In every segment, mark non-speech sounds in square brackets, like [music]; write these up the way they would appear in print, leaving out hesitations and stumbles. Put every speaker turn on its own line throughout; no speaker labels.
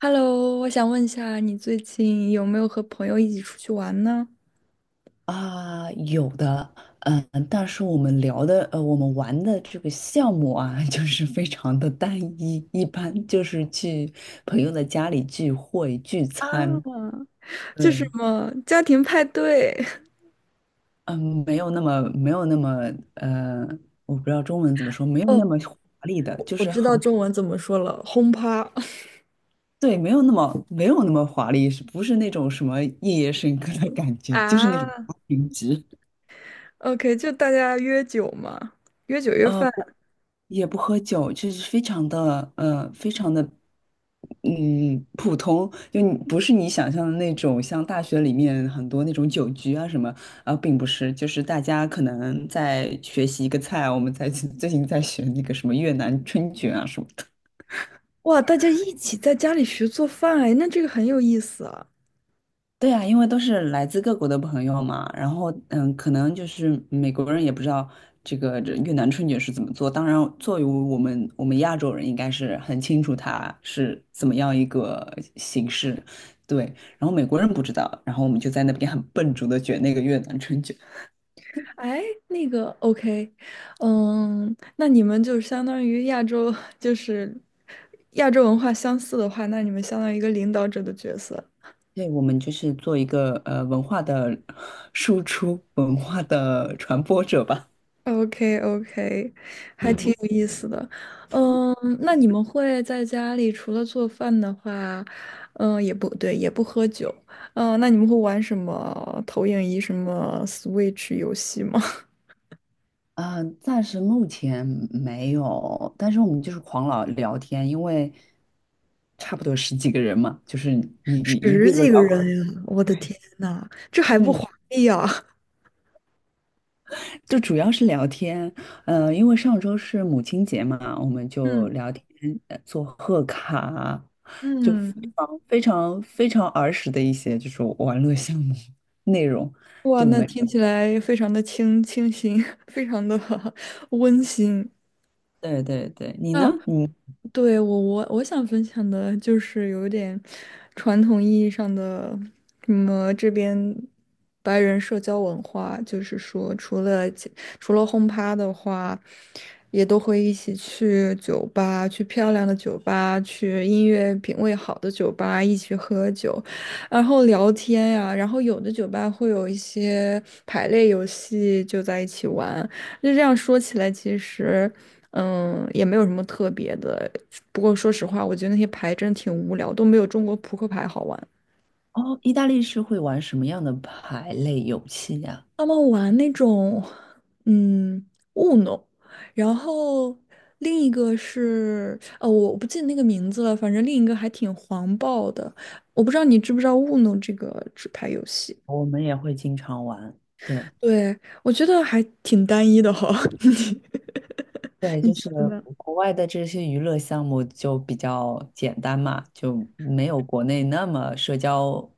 Hello,我想问一下，你最近有没有和朋友一起出去玩呢？
啊，有的，嗯，但是我们聊的，我们玩的这个项目啊，[laughs] 就是非常的单一，一般就是去朋友的家里聚会聚餐。
啊，这是什
嗯
么家庭派对？
嗯，没有那么，呃，我不知道中文怎么说，没
[laughs]
有那
哦，
么华丽的，就
我
是
知道
很，
中文怎么说了，轰趴。[laughs]
对，没有那么华丽，是不是那种什么夜夜笙歌的感觉，就是那种花
啊，
瓶局。
OK,就大家约酒嘛，约酒约饭。
不也不喝酒，就是非常的，非常的，嗯，普通。就你不是你想象的那种，像大学里面很多那种酒局啊什么。啊，并不是，就是大家可能在学习一个菜，我们在 [laughs] 最近在学那个什么越南春卷啊什么。
哇，大家一起在家里学做饭，哎，那这个很有意思啊。
对啊，因为都是来自各国的朋友嘛，然后嗯，可能就是美国人也不知道这个这越南春卷是怎么做。当然，作为我们亚洲人，应该是很清楚它是怎么样一个形式，对。然后美国人不知道，然后我们就在那边很笨拙的卷那个越南春卷。
哎，那个 OK,嗯，那你们就相当于亚洲，就是亚洲文化相似的话，那你们相当于一个领导者的角色。
对，我们就是做一个文化的输出、文化的传播者吧。
OK OK,还嗯挺
嗯。
有意思的。嗯，那你们会在家里除了做饭的话，嗯，也不对，也不喝酒。嗯，那你们会玩什么投影仪、什么 Switch 游戏吗？
暂时目前没有，但是我们就是狂聊聊天，因为差不多十几个人嘛，就是
[laughs]
一
十
个个
几个人
聊。
呀！我
[laughs]
的
对，
天呐，这还不
嗯，
华丽呀？[laughs]
就主要是聊天。因为上周是母亲节嘛，我们就
嗯
聊天，做贺卡，就非
嗯，
常非常非常儿时的一些就是玩乐项目内容。
哇，
对
那
没？
听起来非常的清新，[laughs] 非常的 [laughs] 温馨。
对对对，你呢？
那。
你
对，我想分享的就是有点传统意义上的什么这边白人社交文化，就是说除了轰趴的话，也都会一起去酒吧，去漂亮的酒吧，去音乐品味好的酒吧一起喝酒，然后聊天呀、然后有的酒吧会有一些排列游戏，就在一起玩。就这样说起来，其实，嗯，也没有什么特别的。不过说实话，我觉得那些牌真的挺无聊，都没有中国扑克牌好玩。
哦，意大利是会玩什么样的牌类游戏呀？
他们玩那种，嗯 u n 然后另一个是，我不记得那个名字了，反正另一个还挺黄暴的。我不知道你知不知道 u n 这个纸牌游戏？
我们也会经常玩。对，
对，我觉得还挺单一的哈，[laughs] 你
对，
你
就
觉
是
得呢？
国外的这些娱乐项目就比较简单嘛，就没有国内那么社交，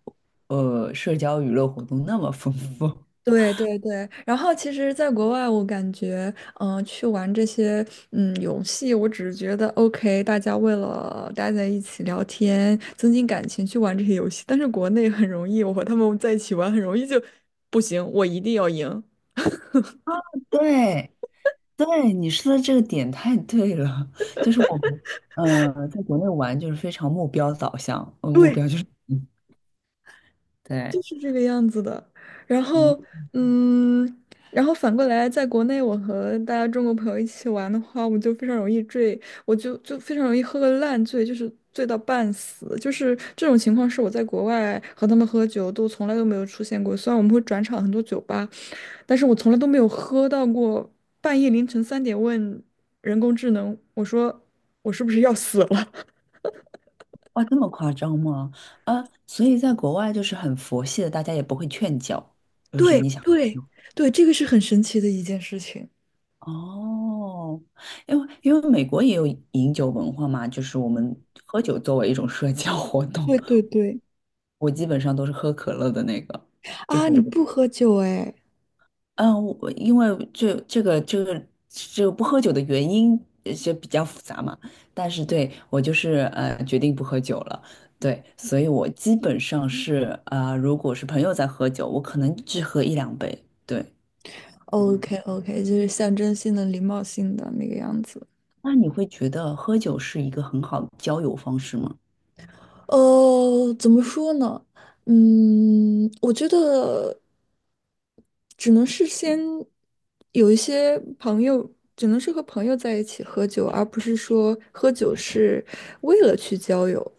社交娱乐活动那么丰富。
对对对，然后其实，在国外，我感觉，嗯、去玩这些，嗯，游戏，我只是觉得，OK,大家为了待在一起聊天，增进感情，去玩这些游戏。但是国内很容易，我和他们在一起玩，很容易就不行，我一定要赢。
[laughs] 对，对，你说的这个点太对了。就是我们，嗯，在国内玩就是非常目标导向。目
对。
标就是，嗯，
就
对。
是这个样子的。然
嗯，
后，嗯，然后反过来，在国内我和大家中国朋友一起玩的话，我就非常容易醉，我就非常容易喝个烂醉，就是醉到半死。就是这种情况是我在国外和他们喝酒都从来都没有出现过。虽然我们会转场很多酒吧，但是我从来都没有喝到过半夜凌晨三点问人工智能，我说我是不是要死了？
哇，这么夸张吗？啊，所以在国外就是很佛系的，大家也不会劝教，
[laughs]
就是
对
你想。
对对，这个是很神奇的一件事情。
哦，因为美国也有饮酒文化嘛，就是我们喝酒作为一种社交活动。
对对对。
我基本上都是喝可乐的那个，就
啊，你
很，
不喝酒哎
嗯，我因为这个不喝酒的原因就比较复杂嘛。但是对我就是决定不喝酒了。对，所以我基本上是如果是朋友在喝酒，我可能只喝一两杯，对。
？OK OK,就是象征性的、礼貌性的那个样子。
那你会觉得喝酒是一个很好的交友方式吗？
呃，怎么说呢？嗯，我觉得只能是先有一些朋友，只能是和朋友在一起喝酒，而不是说喝酒是为了去交友。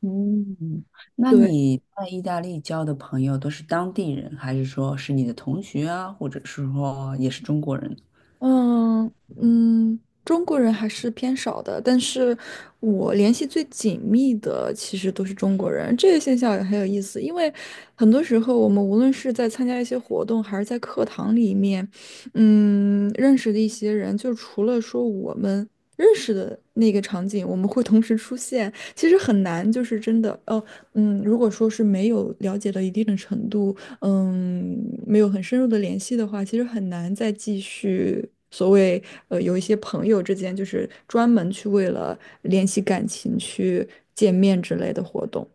嗯，那
对。
你在意大利交的朋友都是当地人，还是说是你的同学啊，或者是说也是中国人？
嗯嗯，中国人还是偏少的，但是我联系最紧密的其实都是中国人，这个现象也很有意思，因为很多时候我们无论是在参加一些活动，还是在课堂里面，嗯，认识的一些人，就除了说我们认识的那个场景，我们会同时出现，其实很难，就是真的哦，嗯，如果说是没有了解到一定的程度。嗯，没有很深入的联系的话，其实很难再继续所谓有一些朋友之间就是专门去为了联系感情去见面之类的活动。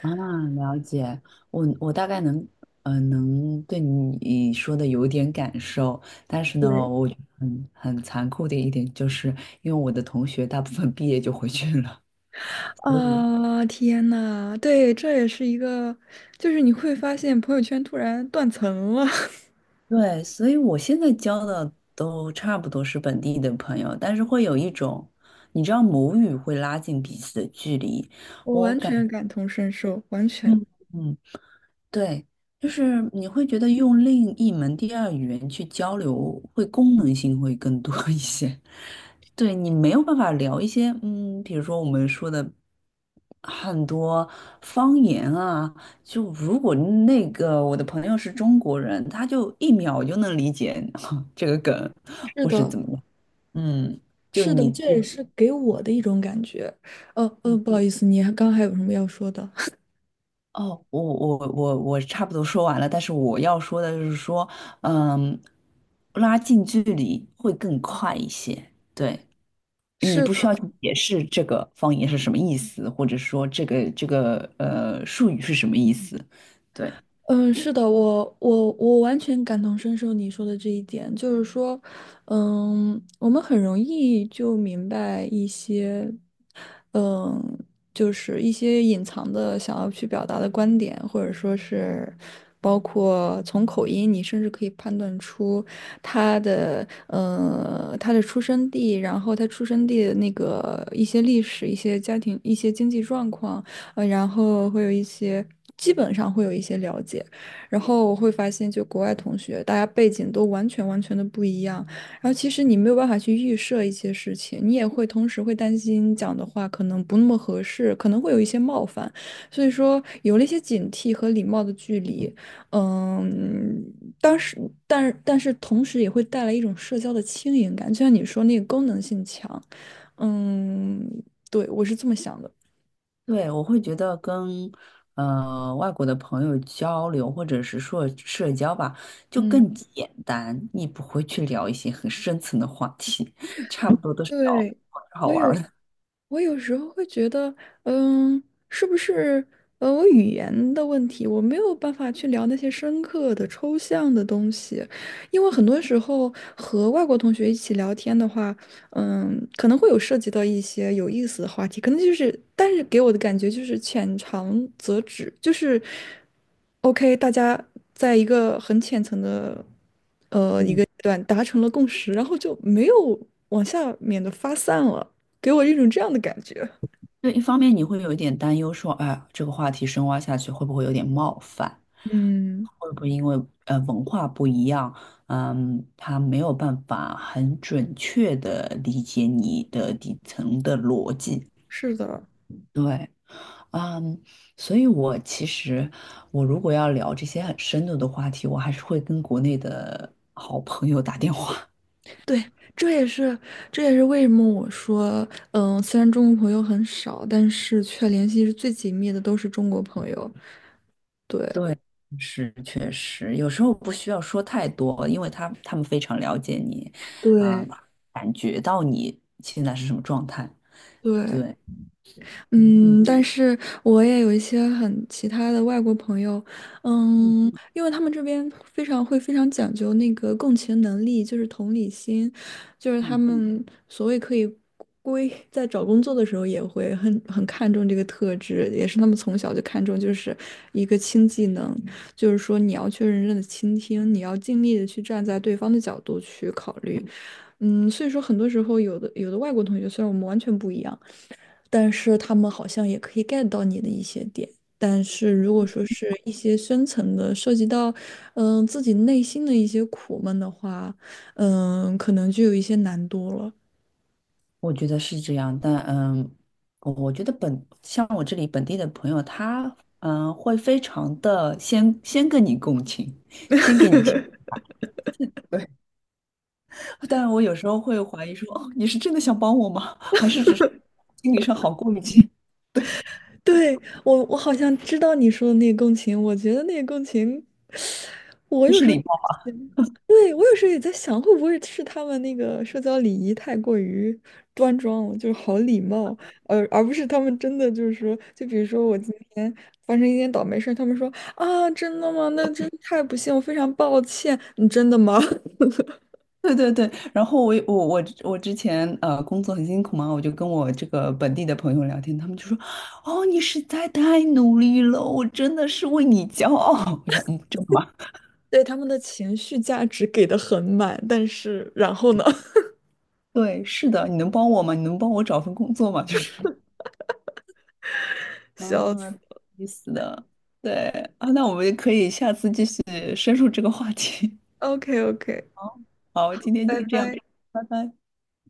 啊，了解。我我大概能，能对你说的有点感受。但是
对
呢，我觉得很很残酷的一点就是，因为我的同学大部分毕业就回去了。
啊，天呐，对，这也是一个，就是你会发现朋友圈突然断层了，
[laughs] 对，所以我现在交的都差不多是本地的朋友，但是会有一种，你知道母语会拉近彼此的距离。
[laughs] 我
我
完全
感，
感同身受，完全。
嗯嗯，对，就是你会觉得用另一门第二语言去交流，会功能性会更多 [laughs] 一些。对，你没有办法聊一些，嗯，比如说我们说的很多方言啊。就如果那个我的朋友是中国人，他就一秒就能理解 [laughs] 这个梗，
是
或是
的，
怎么样。嗯，就
是的，
你。
这也是给我的一种感觉。不好意思，你还刚还有什么要说的？
哦，我差不多说完了，但是我要说的就是说，嗯，拉近距离会更快一些。对，你
[laughs] 是。
不需要去解释这个方言是什么意思，或者说这个术语是什么意思。对。
嗯，是的，我完全感同身受你说的这一点，就是说，嗯，我们很容易就明白一些，嗯，就是一些隐藏的想要去表达的观点，或者说是包括从口音，你甚至可以判断出他的出生地，然后他出生地的那个一些历史、一些家庭、一些经济状况。呃，然后会有一些，基本上会有一些了解，然后我会发现，就国外同学，大家背景都完全的不一样，然后其实你没有办法去预设一些事情，你也会同时会担心讲的话可能不那么合适，可能会有一些冒犯，所以说有了一些警惕和礼貌的距离，嗯，当时，但是同时也会带来一种社交的轻盈感，就像你说那个功能性强，嗯，对，我是这么想的。
对，我会觉得跟外国的朋友交流，或者是说社交吧，就
嗯。
更简单。你不会去聊一些很深层的话题，[laughs] 差不多都是聊
对，
好好
我
玩儿
有，
的。
我有时候会觉得，嗯，是不是我语言的问题，我没有办法去聊那些深刻的、抽象的东西，因为很多时候和外国同学一起聊天的话，嗯，可能会有涉及到一些有意思的话题，可能就是，但是给我的感觉就是浅尝辄止，就是 OK,大家在一个很浅层的。
嗯。
对，达成了共识，然后就没有往下面的发散了，给我一种这样的感觉。
对，一方面你会有一点担忧说，哎，这个话题深挖下去会不会有点冒犯？
嗯，
会不会因为文化不一样，嗯，他没有办法很准确的理解你的底层的逻辑？
是的，
对，嗯，所以我其实我如果要聊这些很深度的话题，我还是会跟国内的好朋友打电话。
对，这也是这也是为什么我说，嗯，虽然中国朋友很少，但是却联系是最紧密的都是中国朋友。对，
对，是确实，有时候不需要说太多，因为他们非常了解你，啊，
对。
感觉到你现在是什么状态。
对，
对，嗯
嗯，但是我也有一些很其他的外国朋友，
嗯
嗯，因为他们这边非常会非常讲究那个共情能力，就是同理心，就是他
嗯，
们所谓可以归在找工作的时候也会很看重这个特质，也是他们从小就看重，就是一个轻技能，就是说你要去认真的倾听，你要尽力的去站在对方的角度去考虑，嗯，所以说很多时候有的外国同学虽然我们完全不一样。但是他们好像也可以 get 到你的一些点。但是如果说是一些深层的，涉及到嗯、自己内心的一些苦闷的话，嗯、可能就有一些难度了。
我觉得是这样。但嗯，我我觉得本像我这里本地的朋友，他嗯会非常的先跟你共情，先给你情。对。[laughs] 但我有时候会怀疑说，哦，你是真的想帮我吗？还是只是心理上好过一些？[laughs] 对，
对，我我好像知道你说的那个共情，我觉得那个共情，我
这
有
是
时候，
礼貌。
对，我有时候也在想，会不会是他们那个社交礼仪太过于端庄了，就是好礼貌，而不是他们真的就是说，就比如说我今天发生一件倒霉事儿，他们说啊，真的吗？那真是太不幸，我非常抱歉，你真的吗？[laughs]
对对对，然后我之前工作很辛苦嘛，我就跟我这个本地的朋友聊天，他们就说：“哦，你实在太努力了，我真的是为你骄傲。[laughs]” 我想，嗯，真的吗？
对，他们的情绪价值给的很满，但是然后呢？[laughs]
对，是的，你能帮我吗？你能帮我找份工作吗？[laughs] 就是，
笑死
嗯，意思的，对啊。那我们可以下次继续深入这个话题。
，OK OK。
[laughs] 好，今天
拜
就这样，
拜。
拜拜。